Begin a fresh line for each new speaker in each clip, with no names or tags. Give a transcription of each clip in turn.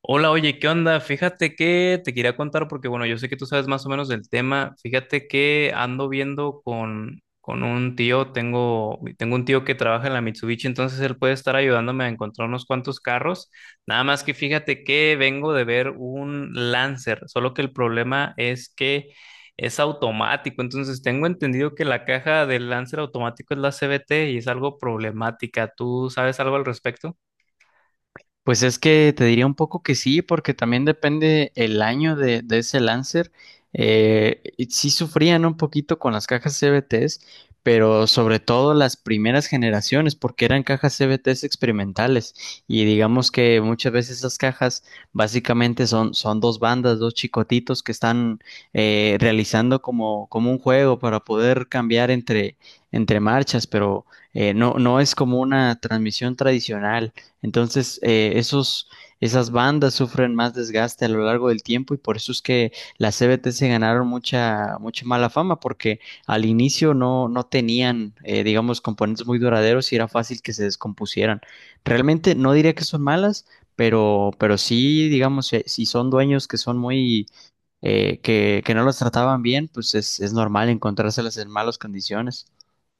Hola, oye, ¿qué onda? Fíjate que te quería contar porque, bueno, yo sé que tú sabes más o menos del tema. Fíjate que ando viendo con un tío, tengo un tío que trabaja en la Mitsubishi, entonces él puede estar ayudándome a encontrar unos cuantos carros. Nada más que fíjate que vengo de ver un Lancer, solo que el problema es que es automático, entonces tengo entendido que la caja del Lancer automático es la CVT y es algo problemática. ¿Tú sabes algo al respecto?
Pues es que te diría un poco que sí, porque también depende el año de ese Lancer. Y sí sufrían un poquito con las cajas CVTs, pero sobre todo las primeras generaciones, porque eran cajas CVTs experimentales. Y digamos que muchas veces esas cajas básicamente son dos bandas, dos chicotitos que están realizando como un juego para poder cambiar entre marchas, pero no es como una transmisión tradicional. Entonces, esas bandas sufren más desgaste a lo largo del tiempo y por eso es que las CBT se ganaron mucha, mucha mala fama, porque al inicio no tenían, digamos, componentes muy duraderos y era fácil que se descompusieran. Realmente no diría que son malas, pero sí, digamos, si son dueños que son muy, que no los trataban bien, pues es normal encontrárselas en malas condiciones.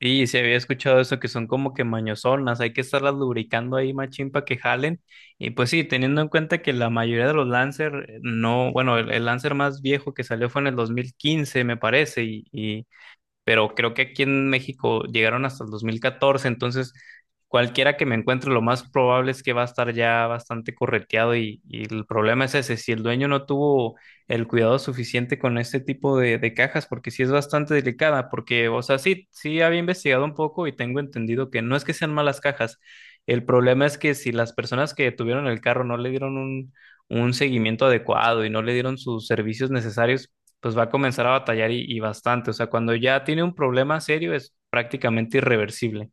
Y se había escuchado eso que son como que mañosonas, hay que estarlas lubricando ahí machín para que jalen. Y pues sí, teniendo en cuenta que la mayoría de los Lancer no, bueno, el Lancer más viejo que salió fue en el 2015, me parece, y pero creo que aquí en México llegaron hasta el 2014, entonces cualquiera que me encuentre, lo más probable es que va a estar ya bastante correteado y el problema es ese, si el dueño no tuvo el cuidado suficiente con este tipo de cajas, porque sí es bastante delicada, porque, o sea, sí, sí había investigado un poco y tengo entendido que no es que sean malas cajas, el problema es que si las personas que tuvieron el carro no le dieron un seguimiento adecuado y no le dieron sus servicios necesarios, pues va a comenzar a batallar y bastante. O sea, cuando ya tiene un problema serio es prácticamente irreversible.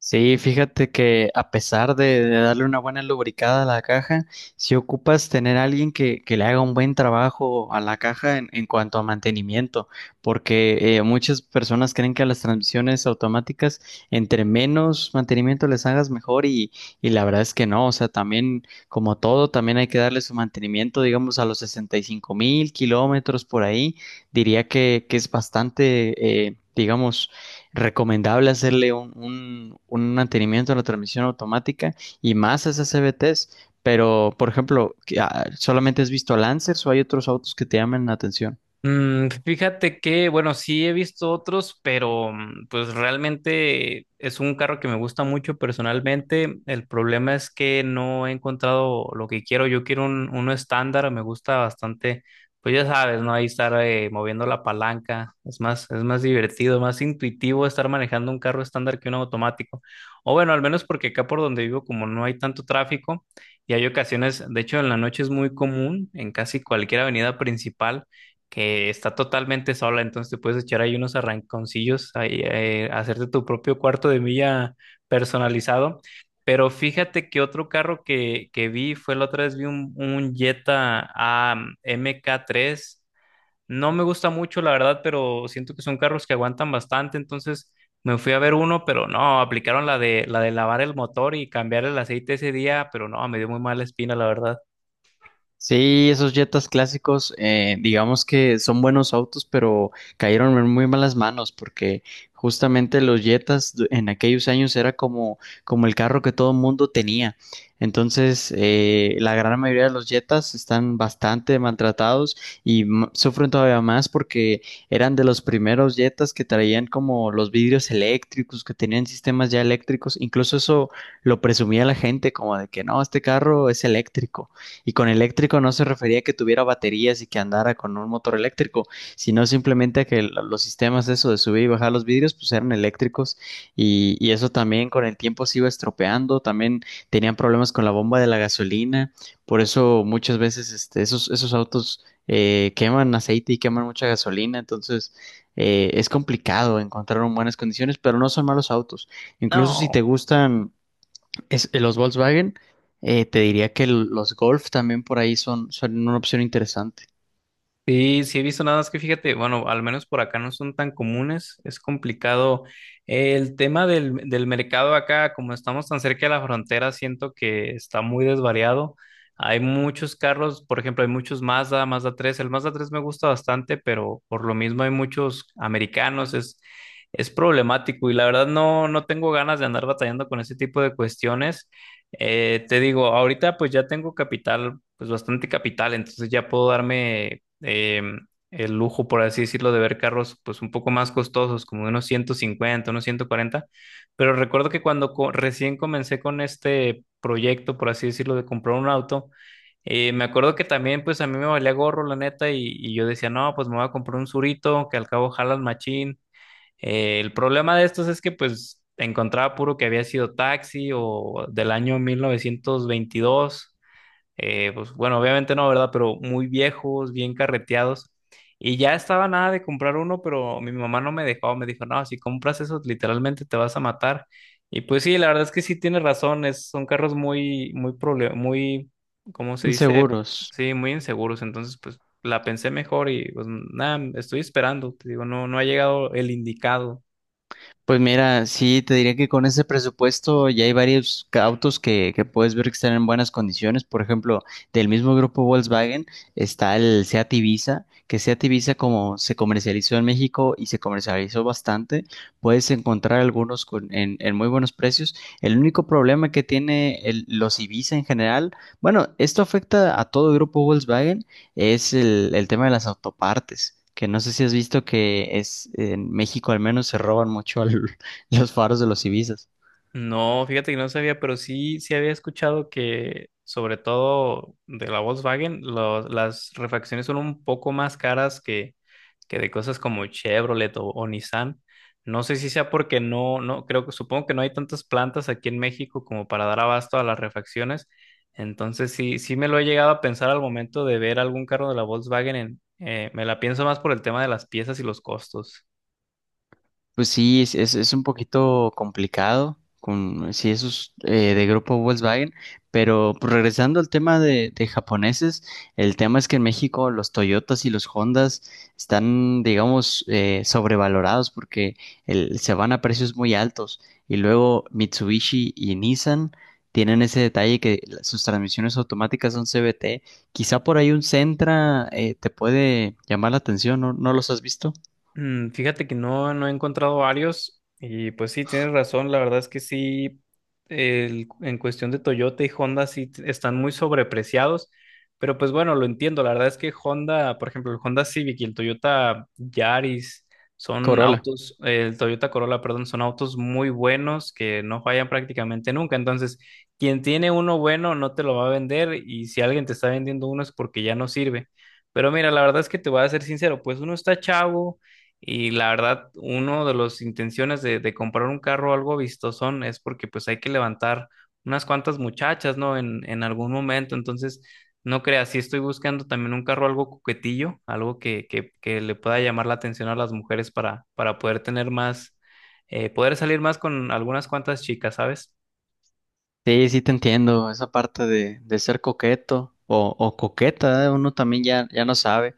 Sí, fíjate que a pesar de darle una buena lubricada a la caja, si ocupas tener a alguien que le haga un buen trabajo a la caja en cuanto a mantenimiento, porque muchas personas creen que a las transmisiones automáticas, entre menos mantenimiento les hagas mejor y la verdad es que no, o sea, también como todo, también hay que darle su mantenimiento, digamos, a los 65 mil kilómetros por ahí, diría que es bastante, digamos, recomendable hacerle un mantenimiento a la transmisión automática y más a esas CVTs. Pero, por ejemplo, ¿solamente has visto Lancers o hay otros autos que te llaman la atención?
Fíjate que, bueno, sí he visto otros, pero pues realmente es un carro que me gusta mucho personalmente. El problema es que no he encontrado lo que quiero. Yo quiero uno estándar, me gusta bastante. Pues ya sabes, ¿no? Ahí estar moviendo la palanca. Es más divertido, más intuitivo estar manejando un carro estándar que un automático. O bueno, al menos porque acá por donde vivo, como no hay tanto tráfico, y hay ocasiones, de hecho, en la noche es muy común en casi cualquier avenida principal que está totalmente sola, entonces te puedes echar ahí unos arranconcillos, ahí, hacerte tu propio cuarto de milla personalizado. Pero fíjate que otro carro que vi fue la otra vez, vi un Jetta MK3. No me gusta mucho, la verdad, pero siento que son carros que aguantan bastante, entonces me fui a ver uno, pero no, aplicaron la de lavar el motor y cambiar el aceite ese día, pero no, me dio muy mala espina, la verdad.
Sí, esos Jetas clásicos, digamos que son buenos autos, pero cayeron en muy malas manos porque justamente los Jetas en aquellos años era como el carro que todo el mundo tenía. Entonces, la gran mayoría de los Jetas están bastante maltratados y sufren todavía más porque eran de los primeros Jetas que traían como los vidrios eléctricos, que tenían sistemas ya eléctricos. Incluso eso lo presumía la gente como de que no, este carro es eléctrico. Y con eléctrico no se refería a que tuviera baterías y que andara con un motor eléctrico, sino simplemente a que los sistemas eso de subir y bajar los vidrios pues eran eléctricos y eso también con el tiempo se iba estropeando, también tenían problemas con la bomba de la gasolina, por eso muchas veces esos autos queman aceite y queman mucha gasolina, entonces es complicado encontrar en buenas condiciones, pero no son malos autos. Incluso si
No.
te gustan los Volkswagen, te diría que los Golf también por ahí son una opción interesante.
Sí, sí he visto nada más que fíjate, bueno, al menos por acá no son tan comunes, es complicado. El tema del mercado acá, como estamos tan cerca de la frontera, siento que está muy desvariado. Hay muchos carros, por ejemplo, hay muchos Mazda, Mazda 3. El Mazda 3 me gusta bastante, pero por lo mismo hay muchos americanos, es problemático y la verdad no, no tengo ganas de andar batallando con ese tipo de cuestiones. Te digo, ahorita pues ya tengo capital, pues bastante capital, entonces ya puedo darme el lujo, por así decirlo, de ver carros pues un poco más costosos, como de unos 150, unos 140. Pero recuerdo que cuando recién comencé con este proyecto, por así decirlo, de comprar un auto, me acuerdo que también pues a mí me valía gorro, la neta, y yo decía, no, pues me voy a comprar un Surito, que al cabo jalan machín, el problema de estos es que pues encontraba puro que había sido Taxi o del año 1922. Pues bueno, obviamente no, ¿verdad? Pero muy viejos, bien carreteados. Y ya estaba nada de comprar uno, pero mi mamá no me dejó, me dijo, no, si compras eso, literalmente te vas a matar. Y pues sí, la verdad es que sí tiene razón, son carros muy, muy, muy, ¿cómo se dice?
Seguros.
Sí, muy inseguros, entonces pues la pensé mejor y pues nada, estoy esperando, te digo, no, no ha llegado el indicado.
Pues mira, sí, te diría que con ese presupuesto ya hay varios autos que puedes ver que están en buenas condiciones. Por ejemplo, del mismo grupo Volkswagen está el Seat Ibiza, que Seat Ibiza como se comercializó en México y se comercializó bastante, puedes encontrar algunos en muy buenos precios. El único problema que tiene los Ibiza en general, bueno, esto afecta a todo grupo Volkswagen, es el tema de las autopartes, que no sé si has visto que es en México al menos se roban mucho los faros de los Ibizas.
No, fíjate que no sabía, pero sí, sí había escuchado que, sobre todo de la Volkswagen, las refacciones son un poco más caras que de cosas como Chevrolet o Nissan. No sé si sea porque no, no, creo que supongo que no hay tantas plantas aquí en México como para dar abasto a las refacciones. Entonces sí, sí me lo he llegado a pensar al momento de ver algún carro de la Volkswagen me la pienso más por el tema de las piezas y los costos.
Pues sí, es un poquito complicado con si esos de grupo Volkswagen, pero pues, regresando al tema de japoneses, el tema es que en México los Toyotas y los Hondas están, digamos, sobrevalorados porque se van a precios muy altos y luego Mitsubishi y Nissan tienen ese detalle que sus transmisiones automáticas son CVT. Quizá por ahí un Sentra te puede llamar la atención, ¿no? ¿No los has visto?
Fíjate que no, no he encontrado varios y pues sí, tienes razón, la verdad es que sí, en cuestión de Toyota y Honda sí están muy sobrepreciados, pero pues bueno, lo entiendo, la verdad es que Honda, por ejemplo, el Honda Civic y el Toyota Yaris son
Corolla.
autos, el Toyota Corolla, perdón, son autos muy buenos que no fallan prácticamente nunca, entonces quien tiene uno bueno no te lo va a vender y si alguien te está vendiendo uno es porque ya no sirve. Pero mira, la verdad es que te voy a ser sincero, pues uno está chavo y la verdad, uno de las intenciones de comprar un carro algo vistosón es porque pues hay que levantar unas cuantas muchachas, ¿no? En algún momento. Entonces, no creas, sí estoy buscando también un carro algo coquetillo, algo que le pueda llamar la atención a las mujeres para poder tener más, poder salir más con algunas cuantas chicas, ¿sabes?
Sí, sí te entiendo, esa parte de ser coqueto o coqueta, ¿eh? Uno también ya, ya no sabe.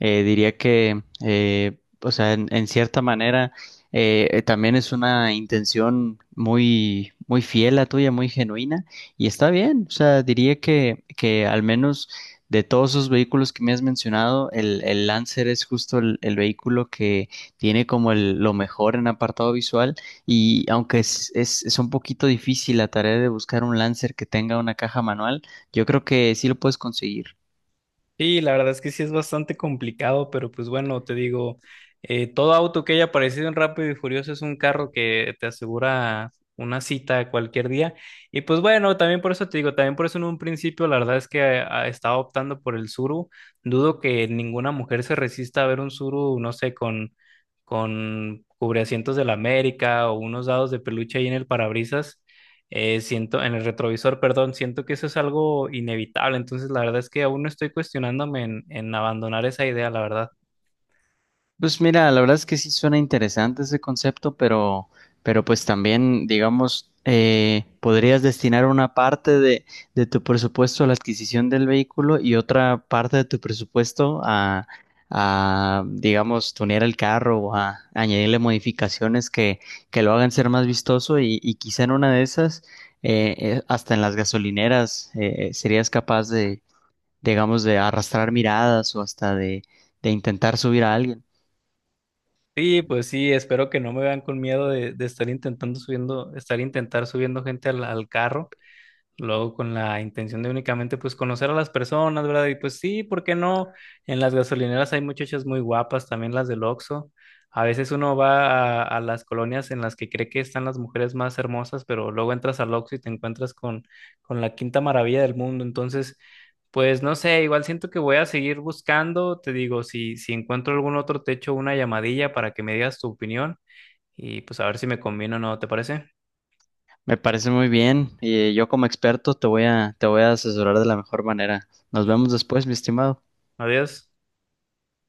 Diría que, o sea, en cierta manera, también es una intención muy, muy fiel a tuya, muy genuina, y está bien, o sea, diría que al menos de todos esos vehículos que me has mencionado, el Lancer es justo el vehículo que tiene como lo mejor en apartado visual y aunque es un poquito difícil la tarea de buscar un Lancer que tenga una caja manual, yo creo que sí lo puedes conseguir.
Sí, la verdad es que sí es bastante complicado, pero pues bueno, te digo, todo auto que haya aparecido en Rápido y Furioso es un carro que te asegura una cita cualquier día. Y pues bueno, también por eso te digo, también por eso en un principio la verdad es que estaba optando por el Suru. Dudo que ninguna mujer se resista a ver un Suru, no sé, con cubreasientos de la América o unos dados de peluche ahí en el parabrisas siento, en el retrovisor, perdón, siento que eso es algo inevitable. Entonces, la verdad es que aún no estoy cuestionándome en abandonar esa idea, la verdad.
Pues mira, la verdad es que sí suena interesante ese concepto, pero pues también, digamos, podrías destinar una parte de tu presupuesto a la adquisición del vehículo y otra parte de tu presupuesto a digamos, tunear el carro o a añadirle modificaciones que lo hagan ser más vistoso y quizá en una de esas, hasta en las gasolineras, serías capaz de, digamos, de arrastrar miradas o hasta de intentar subir a alguien.
Sí, pues sí, espero que no me vean con miedo de estar intentando subiendo, estar intentar subiendo gente al carro. Luego con la intención de únicamente pues conocer a las personas, ¿verdad? Y pues sí, ¿por qué no? En las gasolineras hay muchachas muy guapas, también las del Oxxo. A veces uno va a las colonias en las que cree que están las mujeres más hermosas, pero luego entras al Oxxo y te encuentras con la quinta maravilla del mundo. Entonces, pues no sé, igual siento que voy a seguir buscando. Te digo, si, si encuentro algún otro techo, una llamadilla para que me digas tu opinión y pues a ver si me conviene o no, ¿te parece?
Me parece muy bien y yo como experto te voy a asesorar de la mejor manera. Nos vemos después, mi estimado.
Adiós.